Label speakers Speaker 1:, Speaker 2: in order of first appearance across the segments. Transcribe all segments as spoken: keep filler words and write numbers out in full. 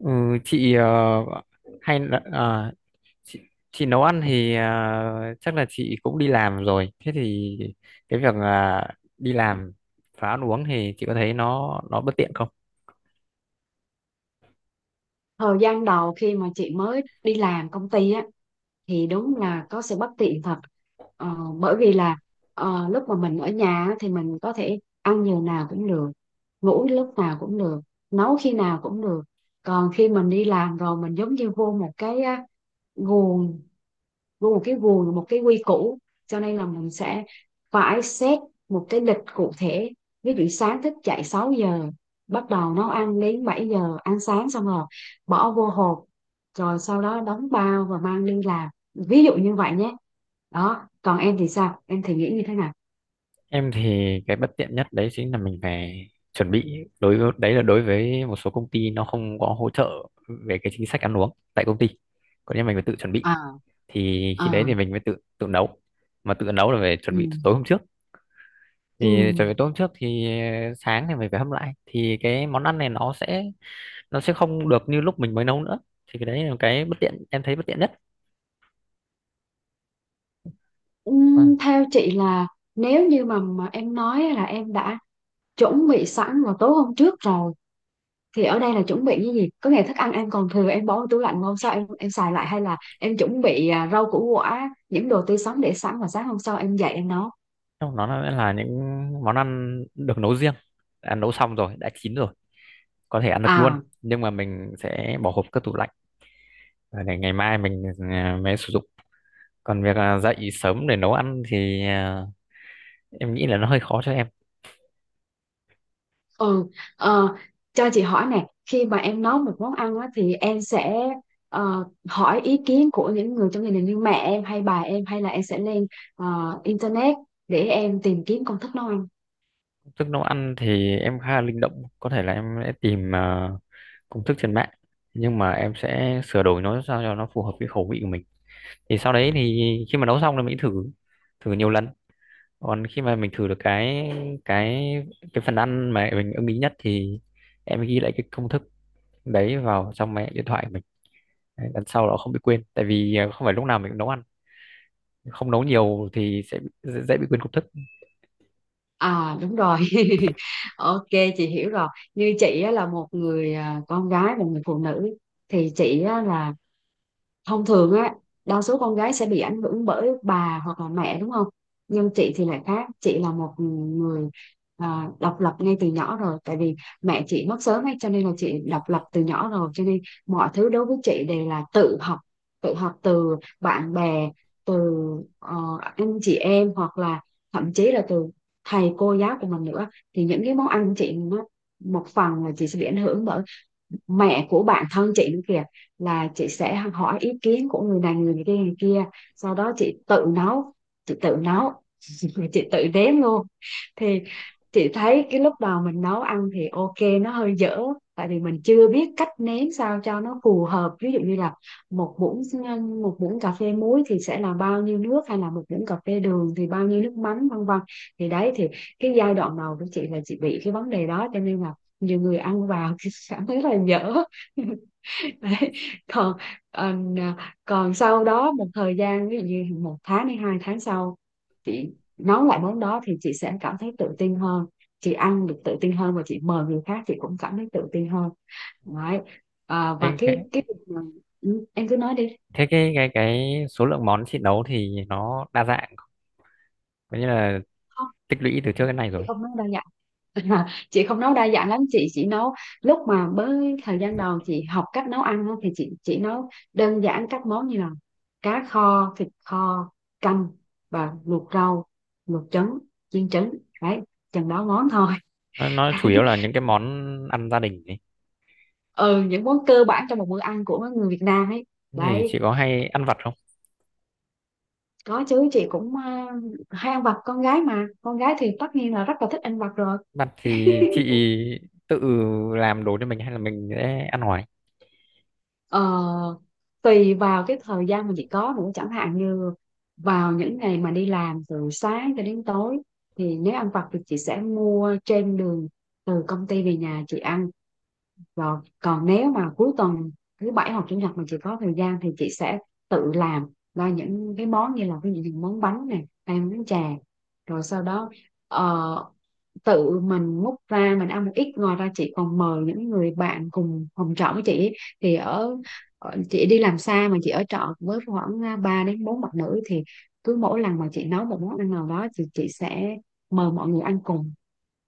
Speaker 1: Ừ, chị ờ, hay là à, chị, chị nấu ăn thì à, chắc là chị cũng đi làm rồi. Thế thì cái việc là đi làm và ăn uống thì chị có thấy nó nó bất tiện không?
Speaker 2: Thời gian đầu khi mà chị mới đi làm công ty á thì đúng là có sự bất tiện thật. Ờ, bởi vì là ờ, lúc mà mình ở nhà á, thì mình có thể ăn giờ nào cũng được, ngủ lúc nào cũng được, nấu khi nào cũng được. Còn khi mình đi làm rồi mình giống như vô một cái á, guồng, vô một cái guồng, một cái quy củ, cho nên là mình sẽ phải xét một cái lịch cụ thể. Ví dụ sáng thức dậy sáu giờ, bắt đầu nấu ăn đến bảy giờ, ăn sáng xong rồi bỏ vô hộp, rồi sau đó đóng bao và mang đi làm, ví dụ như vậy nhé. Đó, còn em thì sao, em thì nghĩ như thế nào?
Speaker 1: Em thì cái bất tiện nhất đấy chính là mình phải chuẩn bị, đối với đấy là đối với một số công ty nó không có hỗ trợ về cái chính sách ăn uống tại công ty. Còn nếu mình phải tự chuẩn bị
Speaker 2: À.
Speaker 1: thì
Speaker 2: À.
Speaker 1: khi đấy thì mình mới tự tự nấu. Mà tự nấu là phải chuẩn
Speaker 2: Ừ.
Speaker 1: bị từ tối hôm trước.
Speaker 2: Ừ.
Speaker 1: Thì chuẩn bị tôm trước thì ờ, sáng thì mình phải hâm lại, thì cái món ăn này nó sẽ nó sẽ không được như lúc mình mới nấu nữa. Thì cái đấy là cái bất tiện em thấy bất tiện nhất. Vâng,
Speaker 2: Ừm, theo chị là, nếu như mà, mà em nói là em đã chuẩn bị sẵn vào tối hôm trước rồi, thì ở đây là chuẩn bị cái gì? Có nghĩa thức ăn em còn thừa em bỏ vào tủ lạnh, hôm sau em em xài lại, hay là em chuẩn bị à, rau củ quả những đồ tươi sống để sẵn và sáng hôm sau em dậy em nấu?
Speaker 1: trong đó là là những món ăn được nấu riêng, đã nấu xong rồi, đã chín rồi, có thể ăn được luôn,
Speaker 2: À.
Speaker 1: nhưng mà mình sẽ bỏ hộp cất tủ lạnh để ngày mai mình à, mới sử dụng. Còn việc à, dậy sớm để nấu ăn thì à, em nghĩ là nó hơi khó cho em.
Speaker 2: Ừ. ờ, cho chị hỏi nè, khi mà em nấu một món ăn á, thì em sẽ ờ, hỏi ý kiến của những người trong gia đình như mẹ em hay bà em, hay là em sẽ lên ờ, internet để em tìm kiếm công thức nấu ăn?
Speaker 1: Tức nấu ăn thì em khá là linh động, có thể là em sẽ tìm à, công thức trên mạng, nhưng mà em sẽ sửa đổi nó sao cho nó phù hợp với khẩu vị của mình. Thì sau đấy thì khi mà nấu xong là mình thử, thử nhiều lần. Còn khi mà mình thử được cái cái cái phần ăn mà mình ưng ý nhất thì em ghi lại cái công thức đấy vào trong cái điện thoại của mình. Đấy, lần sau nó không bị quên, tại vì à, không phải lúc nào mình cũng nấu ăn, không nấu nhiều thì sẽ bị- dễ, dễ bị quên công thức.
Speaker 2: À đúng rồi. Ok, chị hiểu rồi. Như chị á, là một người à, con gái và người phụ nữ, thì chị á, là thông thường á đa số con gái sẽ bị ảnh hưởng bởi bà hoặc là mẹ, đúng không? Nhưng chị thì lại khác, chị là một người à, độc lập ngay từ nhỏ rồi, tại vì mẹ chị mất sớm ấy, cho nên là chị độc lập từ nhỏ rồi, cho nên mọi thứ đối với chị đều là tự học, tự học từ bạn bè, từ ờ, anh chị em, hoặc là thậm chí là từ thầy cô giáo của mình nữa. Thì những cái món ăn của chị nó một phần là chị sẽ bị ảnh hưởng bởi mẹ của bạn thân chị nữa kìa, là chị sẽ hỏi ý kiến của người này người kia người kia sau đó chị tự nấu, chị tự nấu. Chị tự đếm luôn. Thì chị thấy cái lúc đầu mình nấu ăn thì ok, nó hơi dở, tại vì mình chưa biết cách nếm sao cho nó phù hợp, ví dụ như là một muỗng một muỗng cà phê muối thì sẽ là bao nhiêu nước, hay là một muỗng cà phê đường thì bao nhiêu nước mắm, vân vân. Thì đấy, thì cái giai đoạn đầu của chị là chị bị cái vấn đề đó, cho nên là nhiều người ăn vào thì cảm thấy là dở. Đấy. còn ờ, còn sau đó một thời gian, ví dụ như một tháng hay hai tháng sau chị nấu lại món đó thì chị sẽ cảm thấy tự tin hơn, chị ăn được tự tin hơn và chị mời người khác chị cũng cảm thấy tự tin hơn. Đấy. À, và
Speaker 1: thế cái
Speaker 2: cái cái việc mà- ừ, em cứ nói đi.
Speaker 1: thế cái cái cái số lượng món chị nấu thì nó đa dạng, có nghĩa là
Speaker 2: Không,
Speaker 1: tích lũy từ trước đến nay
Speaker 2: chị
Speaker 1: rồi.
Speaker 2: không nói đâu nhỉ. À, chị không nấu đa dạng lắm, chị chỉ nấu lúc mà mới thời gian đầu chị học cách nấu ăn á, thì chị chỉ nấu đơn giản các món như là cá kho, thịt kho, canh và luộc rau, luộc trứng, chiên trứng, đấy, chừng đó món thôi.
Speaker 1: Nó nó chủ yếu
Speaker 2: Đấy.
Speaker 1: là những cái món ăn gia đình ấy.
Speaker 2: Ừ, những món cơ bản trong một bữa ăn của người Việt Nam ấy.
Speaker 1: Thế thì
Speaker 2: Đấy,
Speaker 1: chị có hay ăn vặt không?
Speaker 2: có chứ, chị cũng ờ, hay ăn vặt, con gái mà, con gái thì tất nhiên là rất là thích ăn vặt rồi.
Speaker 1: Vặt thì chị tự làm đồ cho mình hay là mình sẽ ăn ngoài?
Speaker 2: Ờ, tùy vào cái thời gian mà chị có nữa, chẳng hạn như vào những ngày mà đi làm từ sáng cho đến tối thì nếu ăn vặt thì chị sẽ mua trên đường từ công ty về nhà chị ăn. Rồi, còn nếu mà cuối tuần, thứ bảy hoặc chủ nhật mà chị có thời gian thì chị sẽ tự làm ra những cái món như là ví dụ như món bánh này hay món chè, rồi sau đó ờ, tự mình múc ra mình ăn một ít, ngoài ra chị còn mời những người bạn cùng phòng trọ với chị ấy. Thì ở, ở chị đi làm xa mà chị ở trọ với khoảng à, ba đến bốn bạn nữ, thì cứ mỗi lần mà chị nấu một món ăn nào đó thì chị sẽ mời mọi người ăn cùng,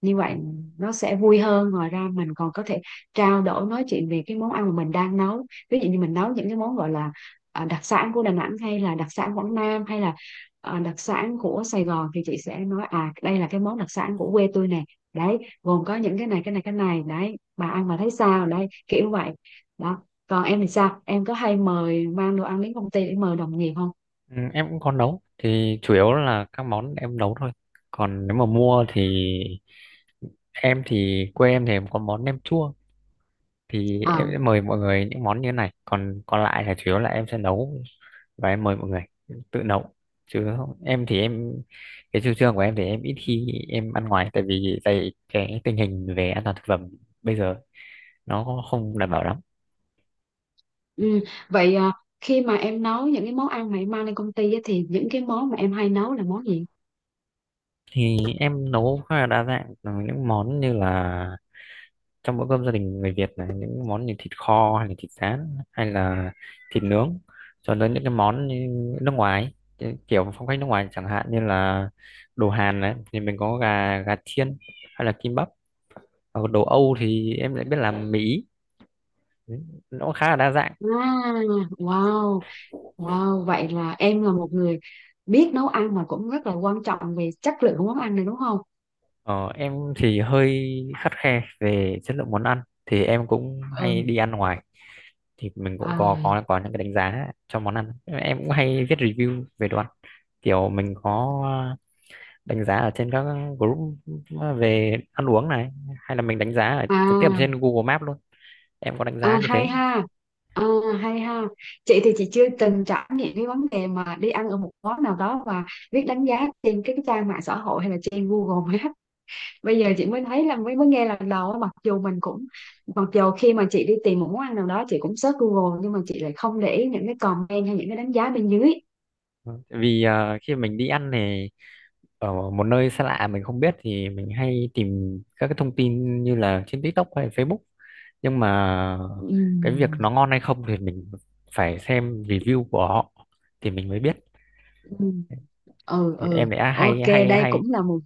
Speaker 2: như vậy nó sẽ vui hơn, ngoài ra mình còn có thể trao đổi nói chuyện về cái món ăn mà mình đang nấu, ví dụ như mình nấu những cái món gọi là à, đặc sản của Đà Nẵng hay là đặc sản Quảng Nam hay là à, đặc sản của Sài Gòn thì chị sẽ nói à đây là cái món đặc sản của quê tôi nè, đấy, gồm có những cái này cái này cái này, đấy, bà ăn mà thấy sao đấy kiểu vậy. Đó, còn em thì sao, em có hay mời mang đồ ăn đến công ty để mời đồng nghiệp không?
Speaker 1: Ừ, em cũng có nấu thì chủ yếu là các món em nấu thôi. Còn nếu mà mua thì em thì quê em thì có món nem chua, thì em
Speaker 2: À.
Speaker 1: sẽ mời mọi người những món như thế này, còn còn lại là chủ yếu là em sẽ nấu và em mời mọi người. Tự nấu, chứ không- em thì em, cái chủ trương của em thì em ít khi em ăn ngoài tại vì tại cái tình hình về an toàn thực phẩm bây giờ nó không đảm bảo lắm.
Speaker 2: Ừ. Vậy à, khi mà em nấu những cái món ăn mà em mang lên công ty á, thì những cái món mà em hay nấu là món gì?
Speaker 1: Thì em nấu khá là đa dạng, những món như là trong bữa cơm gia đình người Việt là những món như thịt kho hay là thịt rán hay là thịt nướng, cho đến những cái món như nước ngoài, cái kiểu phong cách nước ngoài chẳng hạn như là đồ Hàn đấy thì mình có gà gà chiên hay là kim bắp. Ở đồ Âu thì em lại biết làm Mỹ, nó cũng khá là đa dạng.
Speaker 2: À, wow, wow, vậy là em là một người biết nấu ăn mà cũng rất là quan trọng về chất lượng của món ăn này đúng không?
Speaker 1: ờ, em thì hơi khắt khe về chất lượng món ăn, thì em cũng hay
Speaker 2: Ừ.
Speaker 1: đi ăn ngoài thì mình cũng
Speaker 2: À.
Speaker 1: có có có những cái đánh giá cho món ăn. Em cũng hay viết review về đồ ăn, kiểu mình có đánh giá ở trên các group về ăn uống này, hay là mình đánh giá ở trực tiếp ở
Speaker 2: À.
Speaker 1: trên Google Maps luôn. Em có đánh giá
Speaker 2: À
Speaker 1: như
Speaker 2: hay
Speaker 1: thế.
Speaker 2: ha. À, hay ha. Chị thì chị chưa từng trải nghiệm cái vấn đề mà đi ăn ở một món nào đó và biết đánh giá trên cái trang mạng xã hội hay là trên Google Maps. Bây giờ chị mới thấy là mới mới nghe lần đầu á, mặc dù mình cũng mặc dù khi mà chị đi tìm một món ăn nào đó chị cũng search Google nhưng mà chị lại không để ý những cái comment hay những cái đánh giá bên dưới.
Speaker 1: Ừ, vì ờ, khi mình đi ăn thì ở một nơi xa lạ mình không biết thì mình hay tìm các cái thông tin như là trên TikTok hay Facebook, nhưng mà cái việc
Speaker 2: Ừm.
Speaker 1: nó ngon hay không thì mình phải xem review của họ thì mình mới biết.
Speaker 2: Ừm. Ừ,
Speaker 1: Thì
Speaker 2: ừ,
Speaker 1: em lại à, hay
Speaker 2: ok,
Speaker 1: hay
Speaker 2: đây cũng
Speaker 1: hay
Speaker 2: là một.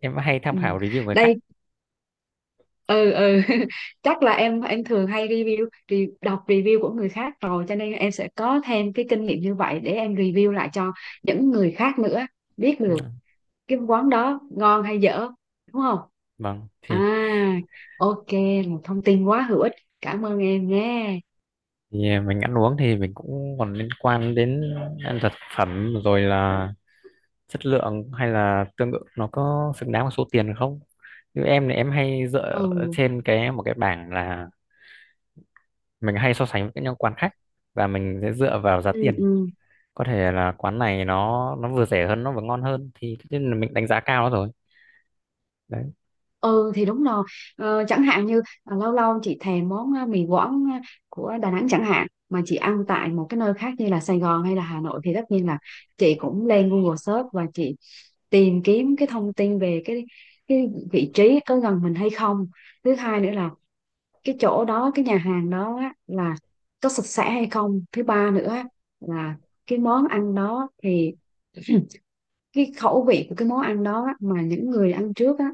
Speaker 1: em hay tham
Speaker 2: Ừm,
Speaker 1: khảo review người khác.
Speaker 2: đây. Ừ, ừ. Chắc là em em thường hay review, re, đọc review của người khác rồi cho nên em sẽ có thêm cái kinh nghiệm như vậy để em review lại cho những người khác nữa biết
Speaker 1: Ừ.
Speaker 2: được cái quán đó ngon hay dở, đúng không?
Speaker 1: Vâng thì,
Speaker 2: À. Ok, là thông tin quá hữu ích, cảm ơn em nhé.
Speaker 1: thì mình ăn uống thì mình cũng còn liên quan đến ăn thực phẩm rồi, là chất lượng hay là tương ứng nó có xứng đáng với số tiền không. Như em thì em hay dựa
Speaker 2: Ừ,
Speaker 1: trên cái một cái bảng là mình hay so sánh với những quán khác, và mình sẽ dựa vào giá
Speaker 2: ừ,
Speaker 1: tiền.
Speaker 2: ừ,
Speaker 1: Có thể là quán này nó nó vừa rẻ hơn nó vừa ngon hơn thì tất nhiên là mình đánh giá cao nó rồi. Đấy.
Speaker 2: ừ, thì đúng rồi. Ờ, chẳng hạn như à, lâu lâu chị thèm món à, mì Quảng à, của Đà Nẵng chẳng hạn mà chị ăn tại một cái nơi khác như là Sài Gòn hay là Hà Nội thì tất nhiên là chị cũng lên Google search và chị tìm kiếm cái thông tin về cái cái vị trí có gần mình hay không, thứ hai nữa là cái chỗ đó cái nhà hàng đó á, là có sạch sẽ hay không, thứ ba nữa á, là cái món ăn đó thì cái khẩu vị của cái món ăn đó á, mà những người ăn trước á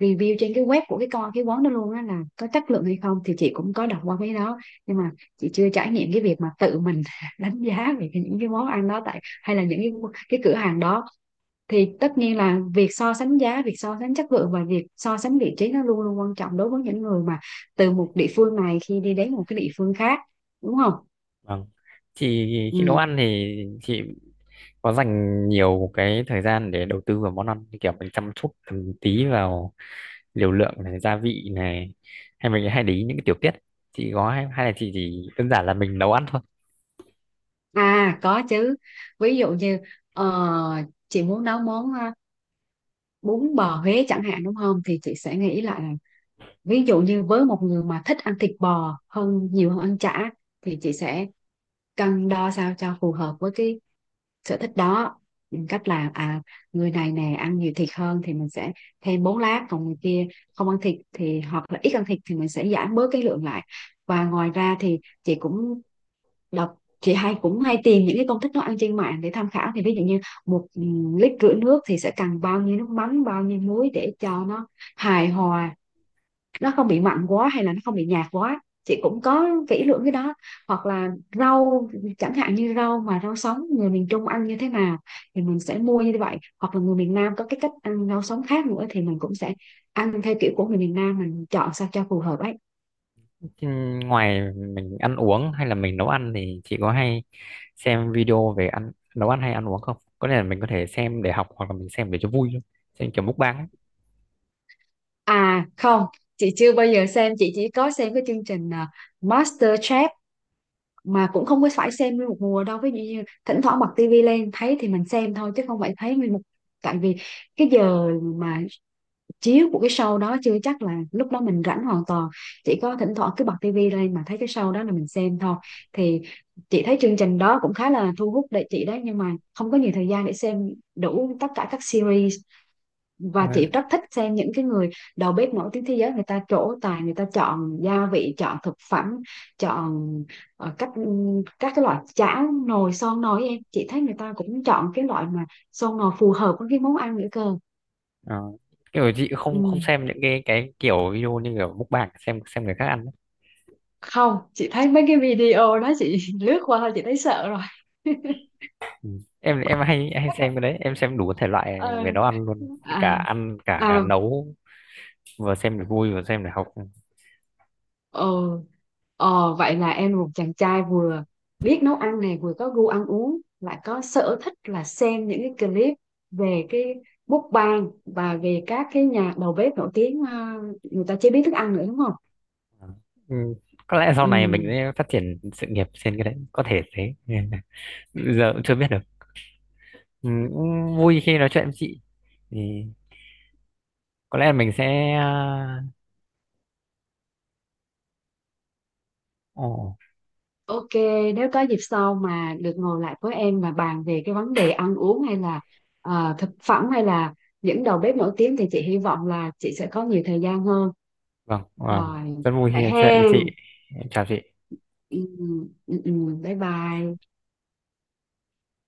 Speaker 2: review trên cái web của cái con cái quán đó luôn á là có chất lượng hay không, thì chị cũng có đọc qua cái đó, nhưng mà chị chưa trải nghiệm cái việc mà tự mình đánh giá về cái- những cái món ăn đó tại hay là những cái, cái cửa hàng đó, thì tất nhiên là việc so sánh giá, việc so sánh chất lượng và việc so sánh vị trí nó luôn luôn quan trọng đối với những người mà từ một địa phương này khi đi đến một cái địa phương khác, đúng không?
Speaker 1: Vâng chị, khi nấu
Speaker 2: Ừ.
Speaker 1: ăn thì chị có dành nhiều cái thời gian để đầu tư vào món ăn như kiểu mình chăm chút từng tí vào liều lượng này gia vị này, hay mình hay để ý những cái tiểu tiết? Chị có hay, hay là chị chỉ đơn giản là mình nấu ăn thôi?
Speaker 2: À có chứ, ví dụ như ờ, chị muốn nấu món ờ, bún bò Huế chẳng hạn đúng không thì chị sẽ nghĩ lại là, ví dụ như với một người mà thích ăn thịt bò hơn nhiều hơn ăn chả thì chị sẽ cân đo sao cho phù hợp với cái sở thích đó, cách là à người này nè ăn nhiều thịt hơn thì mình sẽ thêm bốn lát, còn người kia không ăn thịt thì hoặc là ít ăn thịt thì mình sẽ giảm bớt cái lượng lại, và ngoài ra thì chị cũng đọc, chị hay cũng hay tìm những cái công thức nấu ăn trên mạng để tham khảo, thì ví dụ như một ừ, lít rưỡi nước thì sẽ cần bao nhiêu nước mắm bao nhiêu muối để cho nó hài hòa, nó không bị mặn quá hay là nó không bị nhạt quá, chị cũng có kỹ lưỡng cái đó. Hoặc là rau, chẳng hạn như rau mà rau sống người miền Trung ăn như thế nào thì mình sẽ mua như vậy, hoặc là người miền Nam có cái cách ăn rau sống khác nữa thì mình cũng sẽ ăn theo kiểu của người miền Nam, mình chọn sao cho phù hợp ấy.
Speaker 1: Chứ ngoài mình ăn uống hay là mình nấu ăn thì chị có hay xem video về ăn nấu ăn hay ăn uống không? Có thể là mình có thể xem để học hoặc là mình xem để cho vui thôi, xem kiểu mukbang ấy.
Speaker 2: À không, chị chưa bao giờ xem, chị chỉ có xem cái chương trình à, MasterChef, mà cũng không có phải xem nguyên một mùa đâu, ví dụ như thỉnh thoảng bật tivi lên thấy thì mình xem thôi chứ không phải thấy nguyên một, tại vì cái giờ mà chiếu của cái show đó chưa chắc là lúc đó mình rảnh hoàn toàn, chỉ có thỉnh thoảng cứ bật tivi lên mà thấy cái show đó là mình xem thôi. Thì chị thấy chương trình đó cũng khá là thu hút để chị đấy, nhưng mà không có nhiều thời gian để xem đủ tất cả các series, và
Speaker 1: Ừ.
Speaker 2: chị rất thích xem những cái người đầu bếp nổi tiếng thế giới, người ta trổ tài, người ta chọn gia vị, chọn thực phẩm, chọn ờ, các các cái loại chảo, nồi son nồi ấy em, chị thấy người ta cũng chọn cái loại mà son nồi phù hợp với cái món ăn nữa cơ.
Speaker 1: Ờ, kiểu chị
Speaker 2: Ừ.
Speaker 1: không không xem những cái cái kiểu video như kiểu mukbang, xem xem người khác ăn ấy.
Speaker 2: Không, chị thấy mấy cái video đó chị lướt qua thôi, chị thấy sợ rồi.
Speaker 1: em em hay hay xem cái đấy, em xem đủ thể loại
Speaker 2: Ờ.
Speaker 1: về nấu ăn luôn,
Speaker 2: À.
Speaker 1: cả ăn cả
Speaker 2: À.
Speaker 1: nấu, vừa xem để vui vừa xem để học.
Speaker 2: ờ ờ Vậy là em một chàng trai vừa biết nấu ăn này vừa có gu ăn uống lại có sở thích là xem những cái clip về cái mukbang và về các cái nhà đầu bếp nổi tiếng, ờ, người ta chế biến thức ăn nữa đúng không?
Speaker 1: Ừ, có lẽ sau này mình sẽ phát triển sự nghiệp trên cái đấy, có thể thế. Giờ cũng chưa biết được. Ừ,
Speaker 2: Ừ.
Speaker 1: cũng vui khi nói chuyện với chị. Thì có lẽ mình sẽ ờ, ồ.
Speaker 2: Ok, nếu có dịp sau mà được ngồi lại với em và bàn về cái vấn đề ăn uống hay là à, thực phẩm hay là những đầu bếp nổi tiếng thì chị hy vọng là chị sẽ có nhiều thời gian hơn.
Speaker 1: Vâng vâng,
Speaker 2: Rồi,
Speaker 1: rất vui
Speaker 2: vậy
Speaker 1: khi nói
Speaker 2: ha.
Speaker 1: chuyện với chị. Em chào chị.
Speaker 2: Ừ, ừ. Ừ, ừ, bye bye.